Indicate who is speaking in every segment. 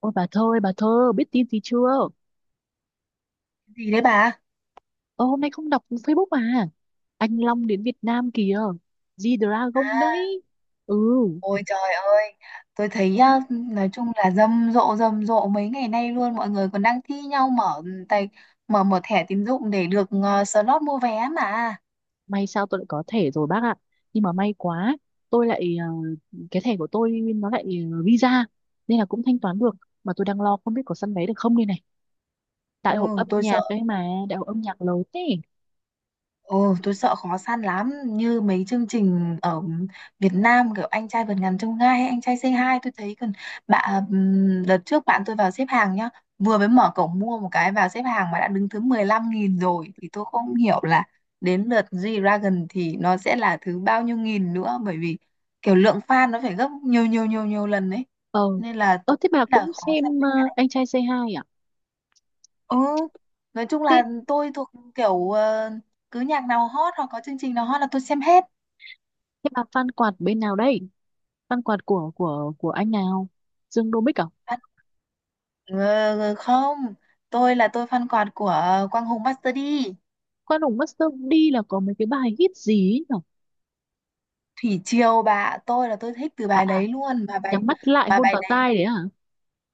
Speaker 1: Ôi bà Thơ ơi, bà Thơ biết tin gì chưa?
Speaker 2: Gì đấy bà?
Speaker 1: Ơ hôm nay không đọc Facebook à? Anh Long đến Việt Nam kìa. G-Dragon
Speaker 2: à,
Speaker 1: đấy. Ừ.
Speaker 2: Ôi trời ơi, tôi thấy á, nói chung là rầm rộ mấy ngày nay luôn, mọi người còn đang thi nhau mở tài, mở mở thẻ tín dụng để được slot mua vé mà.
Speaker 1: May sao tôi lại có thẻ rồi bác ạ. Nhưng mà may quá. Tôi lại cái thẻ của tôi nó lại Visa. Nên là cũng thanh toán được. Mà tôi đang lo không biết có săn vé được không đây này.
Speaker 2: Ừ,
Speaker 1: Đại hội âm
Speaker 2: tôi
Speaker 1: nhạc
Speaker 2: sợ.
Speaker 1: đấy mà, Đại hội âm nhạc lớn thế.
Speaker 2: Ồ, tôi sợ khó săn lắm, như mấy chương trình ở Việt Nam kiểu anh trai vượt ngàn chông gai hay anh trai say hi, tôi thấy còn bạn, đợt trước bạn tôi vào xếp hàng nhá, vừa mới mở cổng mua một cái vào xếp hàng mà đã đứng thứ 15 nghìn rồi, thì tôi không hiểu là đến lượt G-Dragon thì nó sẽ là thứ bao nhiêu nghìn nữa, bởi vì kiểu lượng fan nó phải gấp nhiều nhiều nhiều nhiều lần đấy,
Speaker 1: Ờ.
Speaker 2: nên là tôi
Speaker 1: Ơ thế
Speaker 2: nghĩ
Speaker 1: bà
Speaker 2: là
Speaker 1: cũng
Speaker 2: khó săn
Speaker 1: xem
Speaker 2: vé.
Speaker 1: Anh trai Say Hi à?
Speaker 2: Ừ, nói chung
Speaker 1: Thế,
Speaker 2: là tôi thuộc kiểu cứ nhạc nào hot hoặc có chương trình nào hot là tôi xem hết.
Speaker 1: thế bà fan quạt bên nào đây? Văn quạt của anh nào? Dương Đô Bích à?
Speaker 2: Bạn- Ờ, không, tôi là tôi fan quạt của Quang Hùng Master D.
Speaker 1: Khoan hùng mất sớm đi là có mấy cái bài hit gì ấy nhở?
Speaker 2: Thủy Triều bà, tôi là tôi thích từ
Speaker 1: À,
Speaker 2: bài
Speaker 1: à,
Speaker 2: đấy luôn, mà bài,
Speaker 1: nhắm mắt lại
Speaker 2: mà
Speaker 1: hôn
Speaker 2: bài
Speaker 1: vào
Speaker 2: đấy,
Speaker 1: tai đấy à?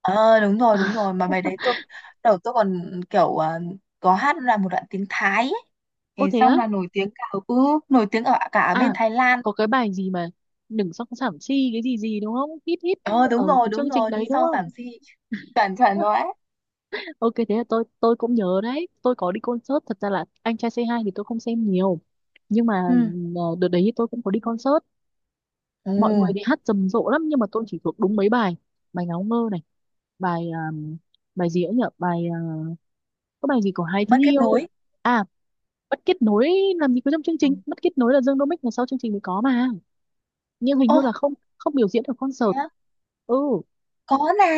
Speaker 2: ờ đúng rồi đúng rồi, mà bài đấy tôi đầu tôi còn kiểu có hát là một đoạn tiếng Thái ấy.
Speaker 1: Ô
Speaker 2: Thì
Speaker 1: thế á?
Speaker 2: xong là nổi tiếng cả, nổi tiếng ở cả ở bên
Speaker 1: À,
Speaker 2: Thái Lan.
Speaker 1: có cái bài gì mà đừng song sảm chi cái gì gì đúng không? Hit hit
Speaker 2: Ờ
Speaker 1: ở
Speaker 2: đúng rồi
Speaker 1: cái
Speaker 2: đúng
Speaker 1: chương trình
Speaker 2: rồi,
Speaker 1: đấy
Speaker 2: đi
Speaker 1: đúng
Speaker 2: sau giảm
Speaker 1: không?
Speaker 2: si, chuẩn chuẩn rồi ấy.
Speaker 1: Ok, thế là tôi cũng nhớ đấy. Tôi có đi concert, thật ra là anh trai c hai thì tôi không xem nhiều, nhưng mà
Speaker 2: Ừ.
Speaker 1: đợt đấy tôi cũng có đi concert,
Speaker 2: Ừ.
Speaker 1: mọi người đi hát rầm rộ lắm nhưng mà tôi chỉ thuộc đúng mấy bài. Bài ngáo ngơ này, bài bài gì ấy nhở, bài uh, có bài gì của hai thứ
Speaker 2: Mất kết
Speaker 1: yêu,
Speaker 2: nối.
Speaker 1: à mất kết nối. Làm gì có trong chương
Speaker 2: Ừ.
Speaker 1: trình, mất kết nối là Dương Đô Mích là sau chương trình mới có mà. Nhưng hình
Speaker 2: Ô
Speaker 1: như là không không biểu diễn ở
Speaker 2: thế
Speaker 1: concert.
Speaker 2: á?
Speaker 1: Ừ
Speaker 2: Có mà,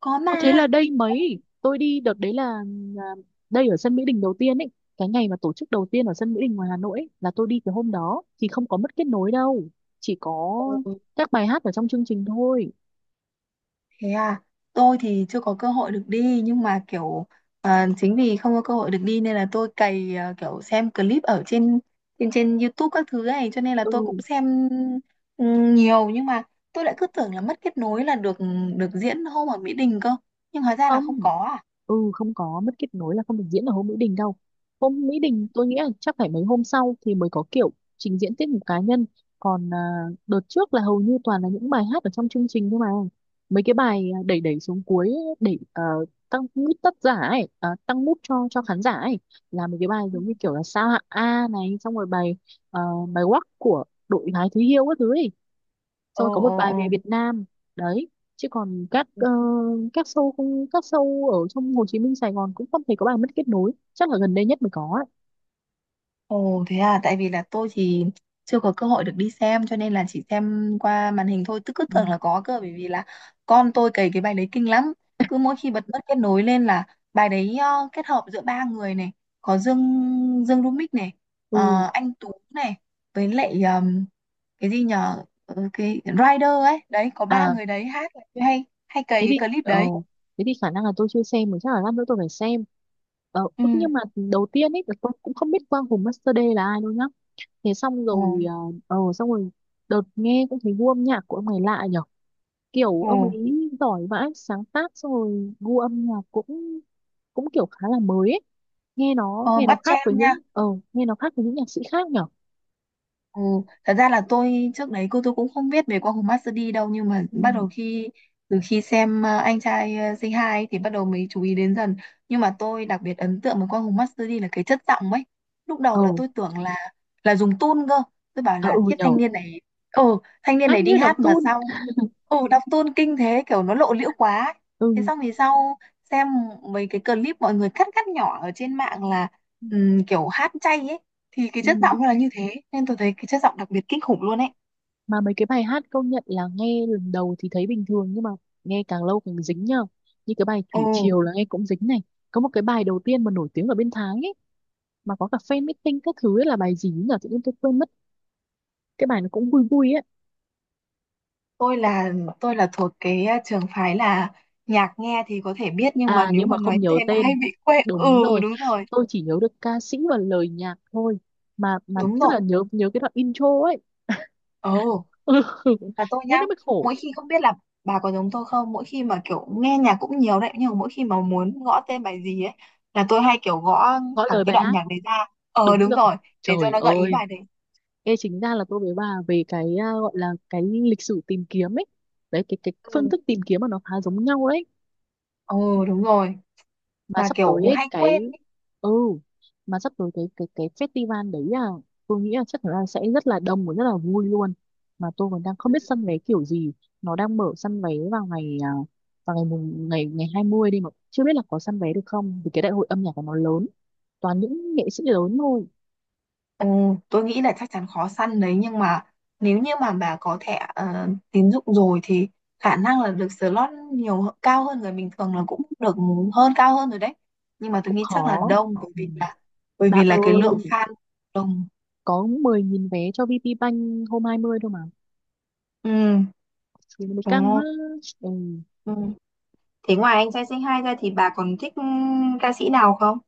Speaker 2: có
Speaker 1: có, thế
Speaker 2: mà,
Speaker 1: là đây
Speaker 2: có.
Speaker 1: mấy tôi đi đợt đấy là đây ở sân Mỹ Đình đầu tiên ấy, cái ngày mà tổ chức đầu tiên ở sân Mỹ Đình ngoài Hà Nội ấy, là tôi đi cái hôm đó thì không có mất kết nối đâu, chỉ có
Speaker 2: Ồ,
Speaker 1: các bài hát ở trong chương trình thôi.
Speaker 2: thế à, tôi thì chưa có cơ hội được đi nhưng mà kiểu, à, chính vì không có cơ hội được đi nên là tôi cày, à, kiểu xem clip ở trên, trên YouTube các thứ này, cho nên là
Speaker 1: Ừ
Speaker 2: tôi cũng xem ừ, nhiều, nhưng mà tôi lại cứ tưởng là mất kết nối là được, được diễn hôm ở Mỹ Đình cơ, nhưng hóa ra là
Speaker 1: không.
Speaker 2: không có à.
Speaker 1: Ừ không có mất kết nối là không được diễn ở hôm Mỹ Đình đâu. Hôm Mỹ Đình tôi nghĩ là chắc phải mấy hôm sau thì mới có kiểu trình diễn tiết mục cá nhân. Còn đợt trước là hầu như toàn là những bài hát ở trong chương trình thôi mà. Mấy cái bài đẩy đẩy xuống cuối để tăng mút tất giả ấy, à tăng mút cho khán giả ấy, là mấy cái bài
Speaker 2: Ừ.
Speaker 1: giống như kiểu là sao hạng A này, xong rồi bài ờ, bài Wack của đội gái Thúy Hiêu các thứ ấy, xong
Speaker 2: Ồ,
Speaker 1: rồi có một
Speaker 2: ồ,
Speaker 1: bài về
Speaker 2: ồ.
Speaker 1: Việt Nam đấy. Chứ còn các các show, không các show ở trong Hồ Chí Minh Sài Gòn cũng không thấy có bài mất kết nối, chắc là gần đây nhất mới có ấy.
Speaker 2: Ồ thế à, tại vì là tôi thì chưa có cơ hội được đi xem cho nên là chỉ xem qua màn hình thôi, tức cứ
Speaker 1: Ừ.
Speaker 2: tưởng là có cơ, bởi vì là con tôi cày cái bài đấy kinh lắm. Cứ mỗi khi bật mất kết nối lên là bài đấy kết hợp giữa ba người này, có Dương, Dương Rumix này,
Speaker 1: Ừ
Speaker 2: anh Tú này, với lại cái gì nhờ, Ờ, cái Rider ấy, đấy có ba
Speaker 1: à
Speaker 2: người đấy hát là tôi hay hay cày
Speaker 1: thế thì
Speaker 2: cái clip
Speaker 1: ờ,
Speaker 2: đấy.
Speaker 1: thế thì khả năng là tôi chưa xem mà chắc là lát nữa tôi phải xem. Ờ,
Speaker 2: Ừ.
Speaker 1: ức nhưng mà đầu tiên ấy là tôi cũng không biết Quang Hùng Master D là ai đâu nhá. Thế xong
Speaker 2: Ồ,
Speaker 1: rồi ờ, ờ xong rồi đợt nghe cũng thấy gu âm nhạc của ông này lạ nhở, kiểu ông
Speaker 2: ồ,
Speaker 1: ấy giỏi vãi sáng tác, xong rồi gu âm nhạc cũng cũng kiểu khá là mới ấy. Nghe nó
Speaker 2: ờ,
Speaker 1: nghe nó
Speaker 2: bắt
Speaker 1: khác với
Speaker 2: jam nha.
Speaker 1: những ờ, nghe nó khác với những nhạc sĩ khác nhở.
Speaker 2: Ừ, thật ra là tôi trước đấy cô tôi cũng không biết về qua Hùng Master D đâu, nhưng mà
Speaker 1: Ừ,
Speaker 2: bắt đầu khi từ khi xem anh trai Say Hi ấy, thì bắt đầu mới chú ý đến dần, nhưng mà tôi đặc biệt ấn tượng với qua Hùng Master D là cái chất giọng ấy. Lúc
Speaker 1: ờ,
Speaker 2: đầu là tôi tưởng là dùng tune cơ, tôi bảo
Speaker 1: à
Speaker 2: là
Speaker 1: ừ
Speaker 2: thiết
Speaker 1: nhở.
Speaker 2: thanh niên này, ừ thanh niên
Speaker 1: Hát
Speaker 2: này đi
Speaker 1: như đóng
Speaker 2: hát mà
Speaker 1: tun.
Speaker 2: sao ừ đọc tune kinh thế, kiểu nó lộ liễu quá ấy. Thế
Speaker 1: Ừ.
Speaker 2: xong thì sau xem mấy cái clip mọi người cắt cắt nhỏ ở trên mạng là kiểu hát chay ấy, thì cái chất
Speaker 1: Ừ,
Speaker 2: giọng nó là như thế nên tôi thấy cái chất giọng đặc biệt kinh khủng luôn ấy.
Speaker 1: mà mấy cái bài hát công nhận là nghe lần đầu thì thấy bình thường nhưng mà nghe càng lâu càng dính nhở. Như cái bài
Speaker 2: Ừ
Speaker 1: Thủy Triều là nghe cũng dính này. Có một cái bài đầu tiên mà nổi tiếng ở bên Thái ấy, mà có cả fan meeting các thứ ấy, là bài gì nhỉ, tự nhiên tôi quên mất. Cái bài nó cũng vui vui ấy.
Speaker 2: tôi là tôi là thuộc cái trường phái là nhạc nghe thì có thể biết nhưng mà
Speaker 1: À
Speaker 2: nếu
Speaker 1: nhưng mà
Speaker 2: mà nói
Speaker 1: không nhớ
Speaker 2: tên là hay
Speaker 1: tên.
Speaker 2: bị quên ừ
Speaker 1: Đúng rồi.
Speaker 2: đúng rồi,
Speaker 1: Tôi chỉ nhớ được ca sĩ và lời nhạc thôi. Mà mà
Speaker 2: đúng
Speaker 1: rất
Speaker 2: rồi,
Speaker 1: là nhớ, nhớ cái đoạn intro ấy.
Speaker 2: ừ và tôi
Speaker 1: Thế
Speaker 2: nhá,
Speaker 1: nó mới khổ.
Speaker 2: mỗi khi không biết là, bà có giống tôi không, mỗi khi mà kiểu nghe nhạc cũng nhiều đấy nhưng mà mỗi khi mà muốn gõ tên bài gì ấy là tôi hay kiểu gõ
Speaker 1: Gõ
Speaker 2: thẳng
Speaker 1: lời
Speaker 2: cái
Speaker 1: bài
Speaker 2: đoạn
Speaker 1: hát.
Speaker 2: nhạc đấy ra, ờ
Speaker 1: Đúng
Speaker 2: đúng
Speaker 1: rồi.
Speaker 2: rồi, để cho
Speaker 1: Trời
Speaker 2: nó gợi ý
Speaker 1: ơi.
Speaker 2: bài đấy.
Speaker 1: Ê, chính ra là tôi với bà về cái gọi là cái lịch sử tìm kiếm ấy. Đấy cái
Speaker 2: Ừ.
Speaker 1: phương thức tìm kiếm mà nó khá giống nhau đấy.
Speaker 2: Ừ đúng rồi,
Speaker 1: Mà
Speaker 2: mà
Speaker 1: sắp tới
Speaker 2: kiểu
Speaker 1: ấy,
Speaker 2: hay quên.
Speaker 1: cái ừ mà sắp tới cái festival đấy à, tôi nghĩ là chắc là sẽ rất là đông và rất là vui luôn. Mà tôi còn đang không biết săn vé kiểu gì. Nó đang mở săn vé vào ngày vào ngày mùng ngày ngày 20 đi mà chưa biết là có săn vé được không, vì cái đại hội âm nhạc của nó lớn, toàn những nghệ sĩ lớn thôi.
Speaker 2: Ừ, tôi nghĩ là chắc chắn khó săn đấy, nhưng mà nếu như mà bà có thẻ tín dụng rồi thì khả năng là được slot nhiều cao hơn người bình thường là cũng được, hơn cao hơn rồi đấy, nhưng mà tôi
Speaker 1: Cũng
Speaker 2: nghĩ chắc là
Speaker 1: khó.
Speaker 2: đông bởi
Speaker 1: Ừ.
Speaker 2: vì là, bởi
Speaker 1: Bà
Speaker 2: vì là cái
Speaker 1: ơi
Speaker 2: lượng fan đông.
Speaker 1: có 10.000 vé cho VP Bank hôm 20 thôi mà,
Speaker 2: Ừ,
Speaker 1: thì nó mới
Speaker 2: đúng
Speaker 1: căng á.
Speaker 2: không?
Speaker 1: Ừ.
Speaker 2: Ừ. Thế ngoài anh trai Say hai ra thì bà còn thích ca sĩ nào không?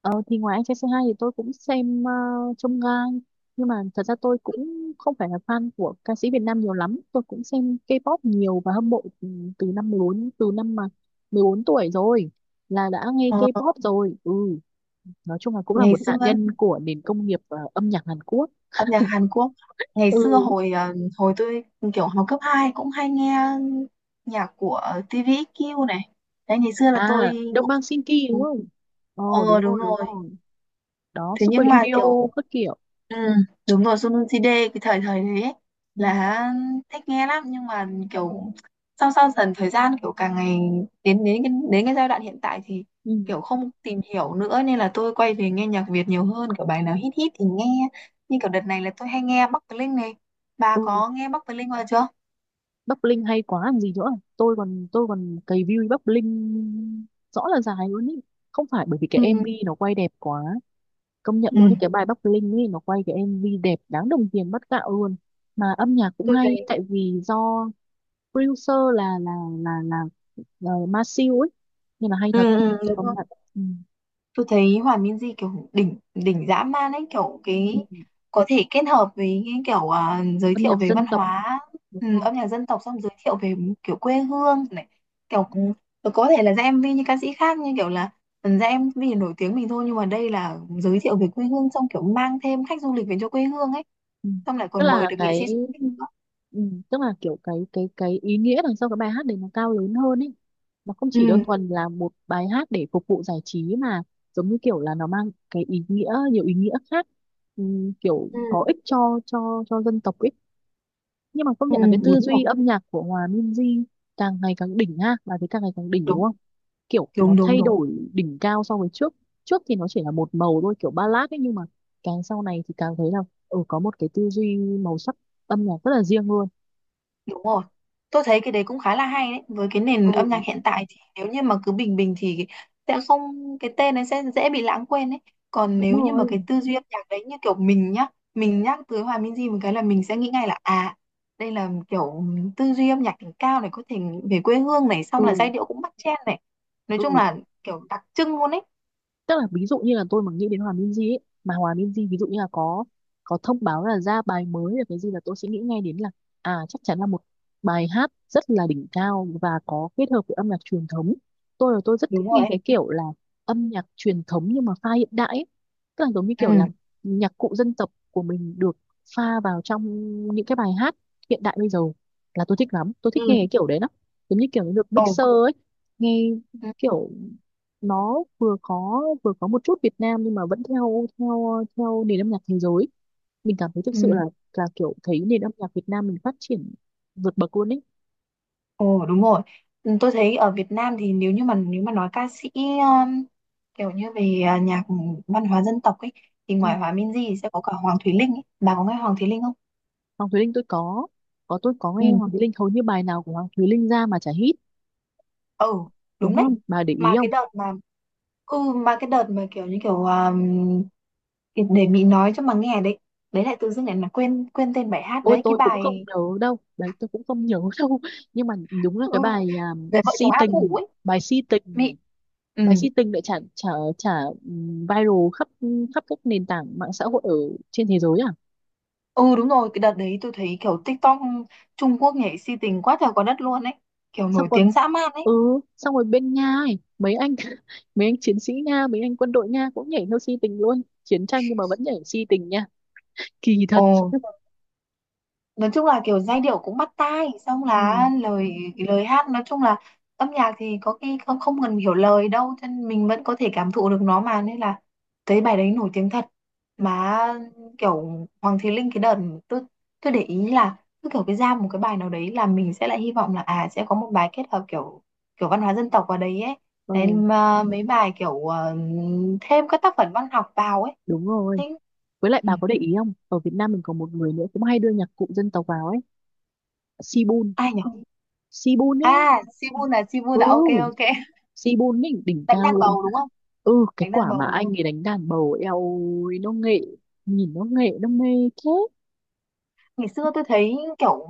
Speaker 1: Ờ, thì ngoài anh trai Say hai thì tôi cũng xem Chông Gai, nhưng mà thật ra tôi cũng không phải là fan của ca sĩ Việt Nam nhiều lắm. Tôi cũng xem K-pop nhiều và hâm mộ từ từ năm 14, từ năm mà 14 tuổi rồi, là đã nghe
Speaker 2: Ờ,
Speaker 1: K-pop rồi. Ừ, nói chung là cũng là
Speaker 2: ngày
Speaker 1: một
Speaker 2: xưa
Speaker 1: nạn nhân của nền công nghiệp âm nhạc Hàn Quốc.
Speaker 2: âm nhạc Hàn Quốc, ngày
Speaker 1: Ừ.
Speaker 2: xưa hồi hồi tôi kiểu học cấp 2 cũng hay nghe nhạc của TVXQ này, đấy ngày xưa là tôi
Speaker 1: À Đông
Speaker 2: cũng,
Speaker 1: Bang Sinki đúng không? Ồ
Speaker 2: ờ
Speaker 1: đúng rồi
Speaker 2: đúng
Speaker 1: đúng
Speaker 2: rồi,
Speaker 1: rồi. Đó
Speaker 2: thế
Speaker 1: Super
Speaker 2: nhưng mà kiểu
Speaker 1: Junior các kiểu.
Speaker 2: ừ, đúng rồi Sun CD cái thời thời đấy ấy,
Speaker 1: Ừ.
Speaker 2: là thích nghe lắm, nhưng mà kiểu sau sau dần thời gian kiểu càng ngày, đến đến cái giai đoạn hiện tại thì
Speaker 1: Ừ.
Speaker 2: kiểu không tìm hiểu nữa nên là tôi quay về nghe nhạc Việt nhiều hơn, kiểu bài nào hit hit thì nghe, như kiểu đợt này là tôi hay nghe Bắc Bling này, bà
Speaker 1: Ừ.
Speaker 2: có nghe Bắc Bling bao giờ chưa?
Speaker 1: Bắc Linh hay quá làm gì nữa. Tôi còn cày view Bắc Linh rõ là dài luôn ý. Không phải, bởi vì cái
Speaker 2: Ừ,
Speaker 1: MV nó quay đẹp quá, công nhận
Speaker 2: ừ
Speaker 1: luôn ý. Cái bài Bắc Linh ấy nó quay cái MV đẹp đáng đồng tiền bát gạo luôn, mà âm nhạc cũng
Speaker 2: tôi
Speaker 1: hay,
Speaker 2: thấy
Speaker 1: tại vì do producer là là, là Masew ấy, nên là hay
Speaker 2: ừ,
Speaker 1: thật.
Speaker 2: ừ, đúng
Speaker 1: Công
Speaker 2: rồi.
Speaker 1: nhận. Ừ.
Speaker 2: Tôi thấy Hoàng Minzy kiểu đỉnh đỉnh dã man ấy, kiểu cái
Speaker 1: Ừ.
Speaker 2: có thể kết hợp với cái kiểu, à, giới
Speaker 1: Âm
Speaker 2: thiệu
Speaker 1: nhạc
Speaker 2: về
Speaker 1: dân
Speaker 2: văn
Speaker 1: tộc,
Speaker 2: hóa,
Speaker 1: đúng
Speaker 2: ừ,
Speaker 1: rồi.
Speaker 2: âm nhạc dân tộc, xong giới thiệu về kiểu quê hương này, kiểu rồi có thể là ra MV như ca sĩ khác, như kiểu là, ừ, ra MV nổi tiếng mình thôi, nhưng mà đây là giới thiệu về quê hương xong kiểu mang thêm khách du lịch về cho quê hương ấy,
Speaker 1: Ừ.
Speaker 2: xong lại
Speaker 1: Tức
Speaker 2: còn mời
Speaker 1: là
Speaker 2: được nghệ sĩ
Speaker 1: cái
Speaker 2: xuất sắc nữa.
Speaker 1: ừ, tức là kiểu cái ý nghĩa đằng sau cái bài hát đấy nó cao lớn hơn ấy. Nó không
Speaker 2: Ừ.
Speaker 1: chỉ đơn thuần là một bài hát để phục vụ giải trí mà giống như kiểu là nó mang cái ý nghĩa, nhiều ý nghĩa khác. Ừ, kiểu
Speaker 2: Ừ.
Speaker 1: có ích cho cho dân tộc ấy. Nhưng mà công
Speaker 2: Ừ
Speaker 1: nhận là cái tư
Speaker 2: đúng rồi.
Speaker 1: duy âm nhạc của Hòa Minzy càng ngày càng đỉnh ha, bà thấy càng ngày càng đỉnh đúng
Speaker 2: Đúng
Speaker 1: không? Kiểu nó
Speaker 2: đúng đúng
Speaker 1: thay
Speaker 2: đúng.
Speaker 1: đổi đỉnh cao so với trước. Trước thì nó chỉ là một màu thôi, kiểu ballad ấy, nhưng mà càng sau này thì càng thấy là ừ, có một cái tư duy màu sắc âm nhạc rất là riêng luôn.
Speaker 2: Đúng rồi. Tôi thấy cái đấy cũng khá là hay đấy. Với cái nền âm nhạc
Speaker 1: Ừ
Speaker 2: hiện tại thì nếu như mà cứ bình bình thì sẽ không, cái tên ấy sẽ dễ bị lãng quên ấy. Còn
Speaker 1: đúng
Speaker 2: nếu như mà
Speaker 1: rồi.
Speaker 2: cái tư duy âm nhạc đấy như kiểu mình nhá, mình nhắc tới Hòa Minzy một cái là mình sẽ nghĩ ngay là à, đây là kiểu tư duy âm nhạc đỉnh cao này, có thể về quê hương này, xong là
Speaker 1: Ừ.
Speaker 2: giai điệu cũng bắt chen này. Nói chung
Speaker 1: Ừ.
Speaker 2: là kiểu đặc trưng luôn ấy.
Speaker 1: Tức là ví dụ như là tôi mà nghĩ đến Hòa Minzy ấy, mà Hòa Minzy ví dụ như là có thông báo là ra bài mới là cái gì, là tôi sẽ nghĩ ngay đến là à chắc chắn là một bài hát rất là đỉnh cao và có kết hợp với âm nhạc truyền thống. Tôi rất
Speaker 2: Đúng
Speaker 1: thích
Speaker 2: rồi
Speaker 1: nghe
Speaker 2: ấy.
Speaker 1: cái kiểu là âm nhạc truyền thống nhưng mà pha hiện đại ấy. Tức là giống như kiểu
Speaker 2: Ừ.
Speaker 1: là nhạc cụ dân tộc của mình được pha vào trong những cái bài hát hiện đại bây giờ, là tôi thích lắm, tôi thích nghe
Speaker 2: Ừ.
Speaker 1: cái kiểu đấy lắm. Giống như kiểu nó được
Speaker 2: Ồ.
Speaker 1: mixer ấy, nghe
Speaker 2: Ừ.
Speaker 1: kiểu nó vừa có, vừa có một chút Việt Nam nhưng mà vẫn theo theo theo nền âm nhạc thế giới. Mình cảm thấy thực sự
Speaker 2: Ừ.
Speaker 1: là kiểu thấy nền âm nhạc Việt Nam mình phát triển vượt bậc luôn ấy.
Speaker 2: Ồ đúng rồi. Ừ, tôi thấy ở Việt Nam thì nếu như mà nếu mà nói ca sĩ kiểu như về à, nhạc văn hóa dân tộc ấy thì
Speaker 1: Ừ.
Speaker 2: ngoài Hòa Minzy thì sẽ có cả Hoàng Thùy Linh ấy. Bà có nghe Hoàng Thùy Linh không?
Speaker 1: Hoàng Thùy Linh tôi có
Speaker 2: Ừ.
Speaker 1: nghe, Hoàng Thùy Linh hầu như bài nào của Hoàng Thùy Linh ra mà chả hit,
Speaker 2: Ừ,
Speaker 1: đúng
Speaker 2: đúng đấy.
Speaker 1: không bà để ý
Speaker 2: Mà cái
Speaker 1: không?
Speaker 2: đợt mà mà cái đợt mà kiểu như kiểu, à, để Mỹ nói cho mà nghe đấy. Đấy lại tự dưng lại là quên quên tên bài hát
Speaker 1: Ôi
Speaker 2: đấy, cái
Speaker 1: tôi cũng không
Speaker 2: bài
Speaker 1: nhớ đâu đấy, tôi cũng không nhớ đâu. Nhưng mà đúng là
Speaker 2: ừ,
Speaker 1: cái bài
Speaker 2: về vợ chồng
Speaker 1: si
Speaker 2: A Phủ
Speaker 1: tình,
Speaker 2: ấy.
Speaker 1: bài si tình này.
Speaker 2: Mỹ, ừ.
Speaker 1: Bài si tình lại chả chả chả ừ, viral khắp khắp các nền tảng mạng xã hội ở trên thế giới.
Speaker 2: Ừ đúng rồi, cái đợt đấy tôi thấy kiểu TikTok Trung Quốc nhảy si tình quá trời quá đất luôn ấy. Kiểu
Speaker 1: Xong
Speaker 2: nổi
Speaker 1: còn
Speaker 2: tiếng dã man ấy.
Speaker 1: ừ, xong rồi bên Nga ấy, mấy anh mấy anh chiến sĩ Nga, mấy anh quân đội Nga cũng nhảy theo si tình luôn, chiến tranh nhưng mà vẫn nhảy si tình nha, kỳ
Speaker 2: Ồ,
Speaker 1: thật.
Speaker 2: nói chung là kiểu giai điệu cũng bắt tai, xong
Speaker 1: Ừ.
Speaker 2: là lời, lời hát nói chung là, âm nhạc thì có khi không không cần hiểu lời đâu cho nên mình vẫn có thể cảm thụ được nó mà, nên là thấy bài đấy nổi tiếng thật, mà kiểu Hoàng Thùy Linh cái đợt tôi tôi để ý là cứ kiểu cái ra một cái bài nào đấy là mình sẽ lại hy vọng là à sẽ có một bài kết hợp kiểu, kiểu văn hóa dân tộc vào đấy ấy,
Speaker 1: Ừ,
Speaker 2: nên mà mấy bài kiểu thêm các tác phẩm văn học vào ấy.
Speaker 1: đúng rồi,
Speaker 2: Thế-
Speaker 1: với lại
Speaker 2: ừ,
Speaker 1: bà có để ý không, ở Việt Nam mình có một người nữa cũng hay đưa nhạc cụ dân tộc vào ấy. Sibun.
Speaker 2: ai nhỉ?
Speaker 1: Sibun ấy.
Speaker 2: À, Sibun là ok
Speaker 1: Ừ,
Speaker 2: ok.
Speaker 1: Sibun ấy đỉnh
Speaker 2: Đánh
Speaker 1: cao
Speaker 2: đàn
Speaker 1: luôn.
Speaker 2: bầu đúng không?
Speaker 1: Ừ, cái
Speaker 2: Đánh đàn
Speaker 1: quả mà
Speaker 2: bầu, đúng
Speaker 1: anh
Speaker 2: không?
Speaker 1: ấy đánh đàn bầu eo, ôi nó nghệ, nhìn nó nghệ nó mê thế.
Speaker 2: Ngày xưa tôi thấy kiểu,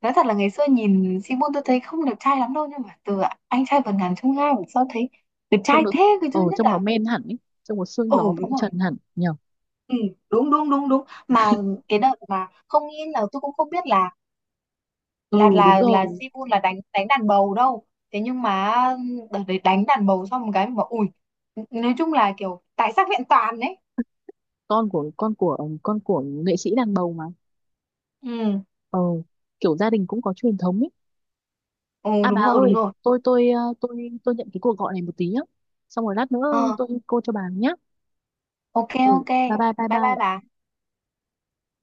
Speaker 2: nói thật là ngày xưa nhìn Sibun tôi thấy không đẹp trai lắm đâu, nhưng mà từ anh trai vượt ngàn chông gai mà sau thấy đẹp
Speaker 1: Trông
Speaker 2: trai
Speaker 1: nó,
Speaker 2: thế, cái
Speaker 1: ờ
Speaker 2: thứ nhất
Speaker 1: trông nó
Speaker 2: là
Speaker 1: men hẳn ấy, trông nó sương
Speaker 2: ừ
Speaker 1: gió
Speaker 2: đúng
Speaker 1: phong
Speaker 2: rồi.
Speaker 1: trần hẳn nhở.
Speaker 2: Ừ, đúng đúng đúng đúng, mà cái đợt mà không nghĩ là tôi cũng không biết là là
Speaker 1: Ừ đúng
Speaker 2: là là
Speaker 1: rồi.
Speaker 2: Sibun là đánh đánh đàn bầu đâu. Thế nhưng mà đợt đấy đánh đàn bầu xong một cái mà bảo ui, nói chung là kiểu tài sắc vẹn toàn đấy.
Speaker 1: Con của con của nghệ sĩ đàn bầu mà.
Speaker 2: Ừ,
Speaker 1: Ờ, kiểu gia đình cũng có truyền thống ấy.
Speaker 2: ừ
Speaker 1: À bà
Speaker 2: đúng rồi
Speaker 1: ơi
Speaker 2: đúng rồi.
Speaker 1: tôi ờ, tôi nhận cái cuộc gọi này một tí nhá, xong rồi lát nữa
Speaker 2: Ờ,
Speaker 1: tôi cô cho bà nhá.
Speaker 2: Ok
Speaker 1: Ừ
Speaker 2: ok.
Speaker 1: bye bye bye
Speaker 2: Bye bye
Speaker 1: bye.
Speaker 2: bà.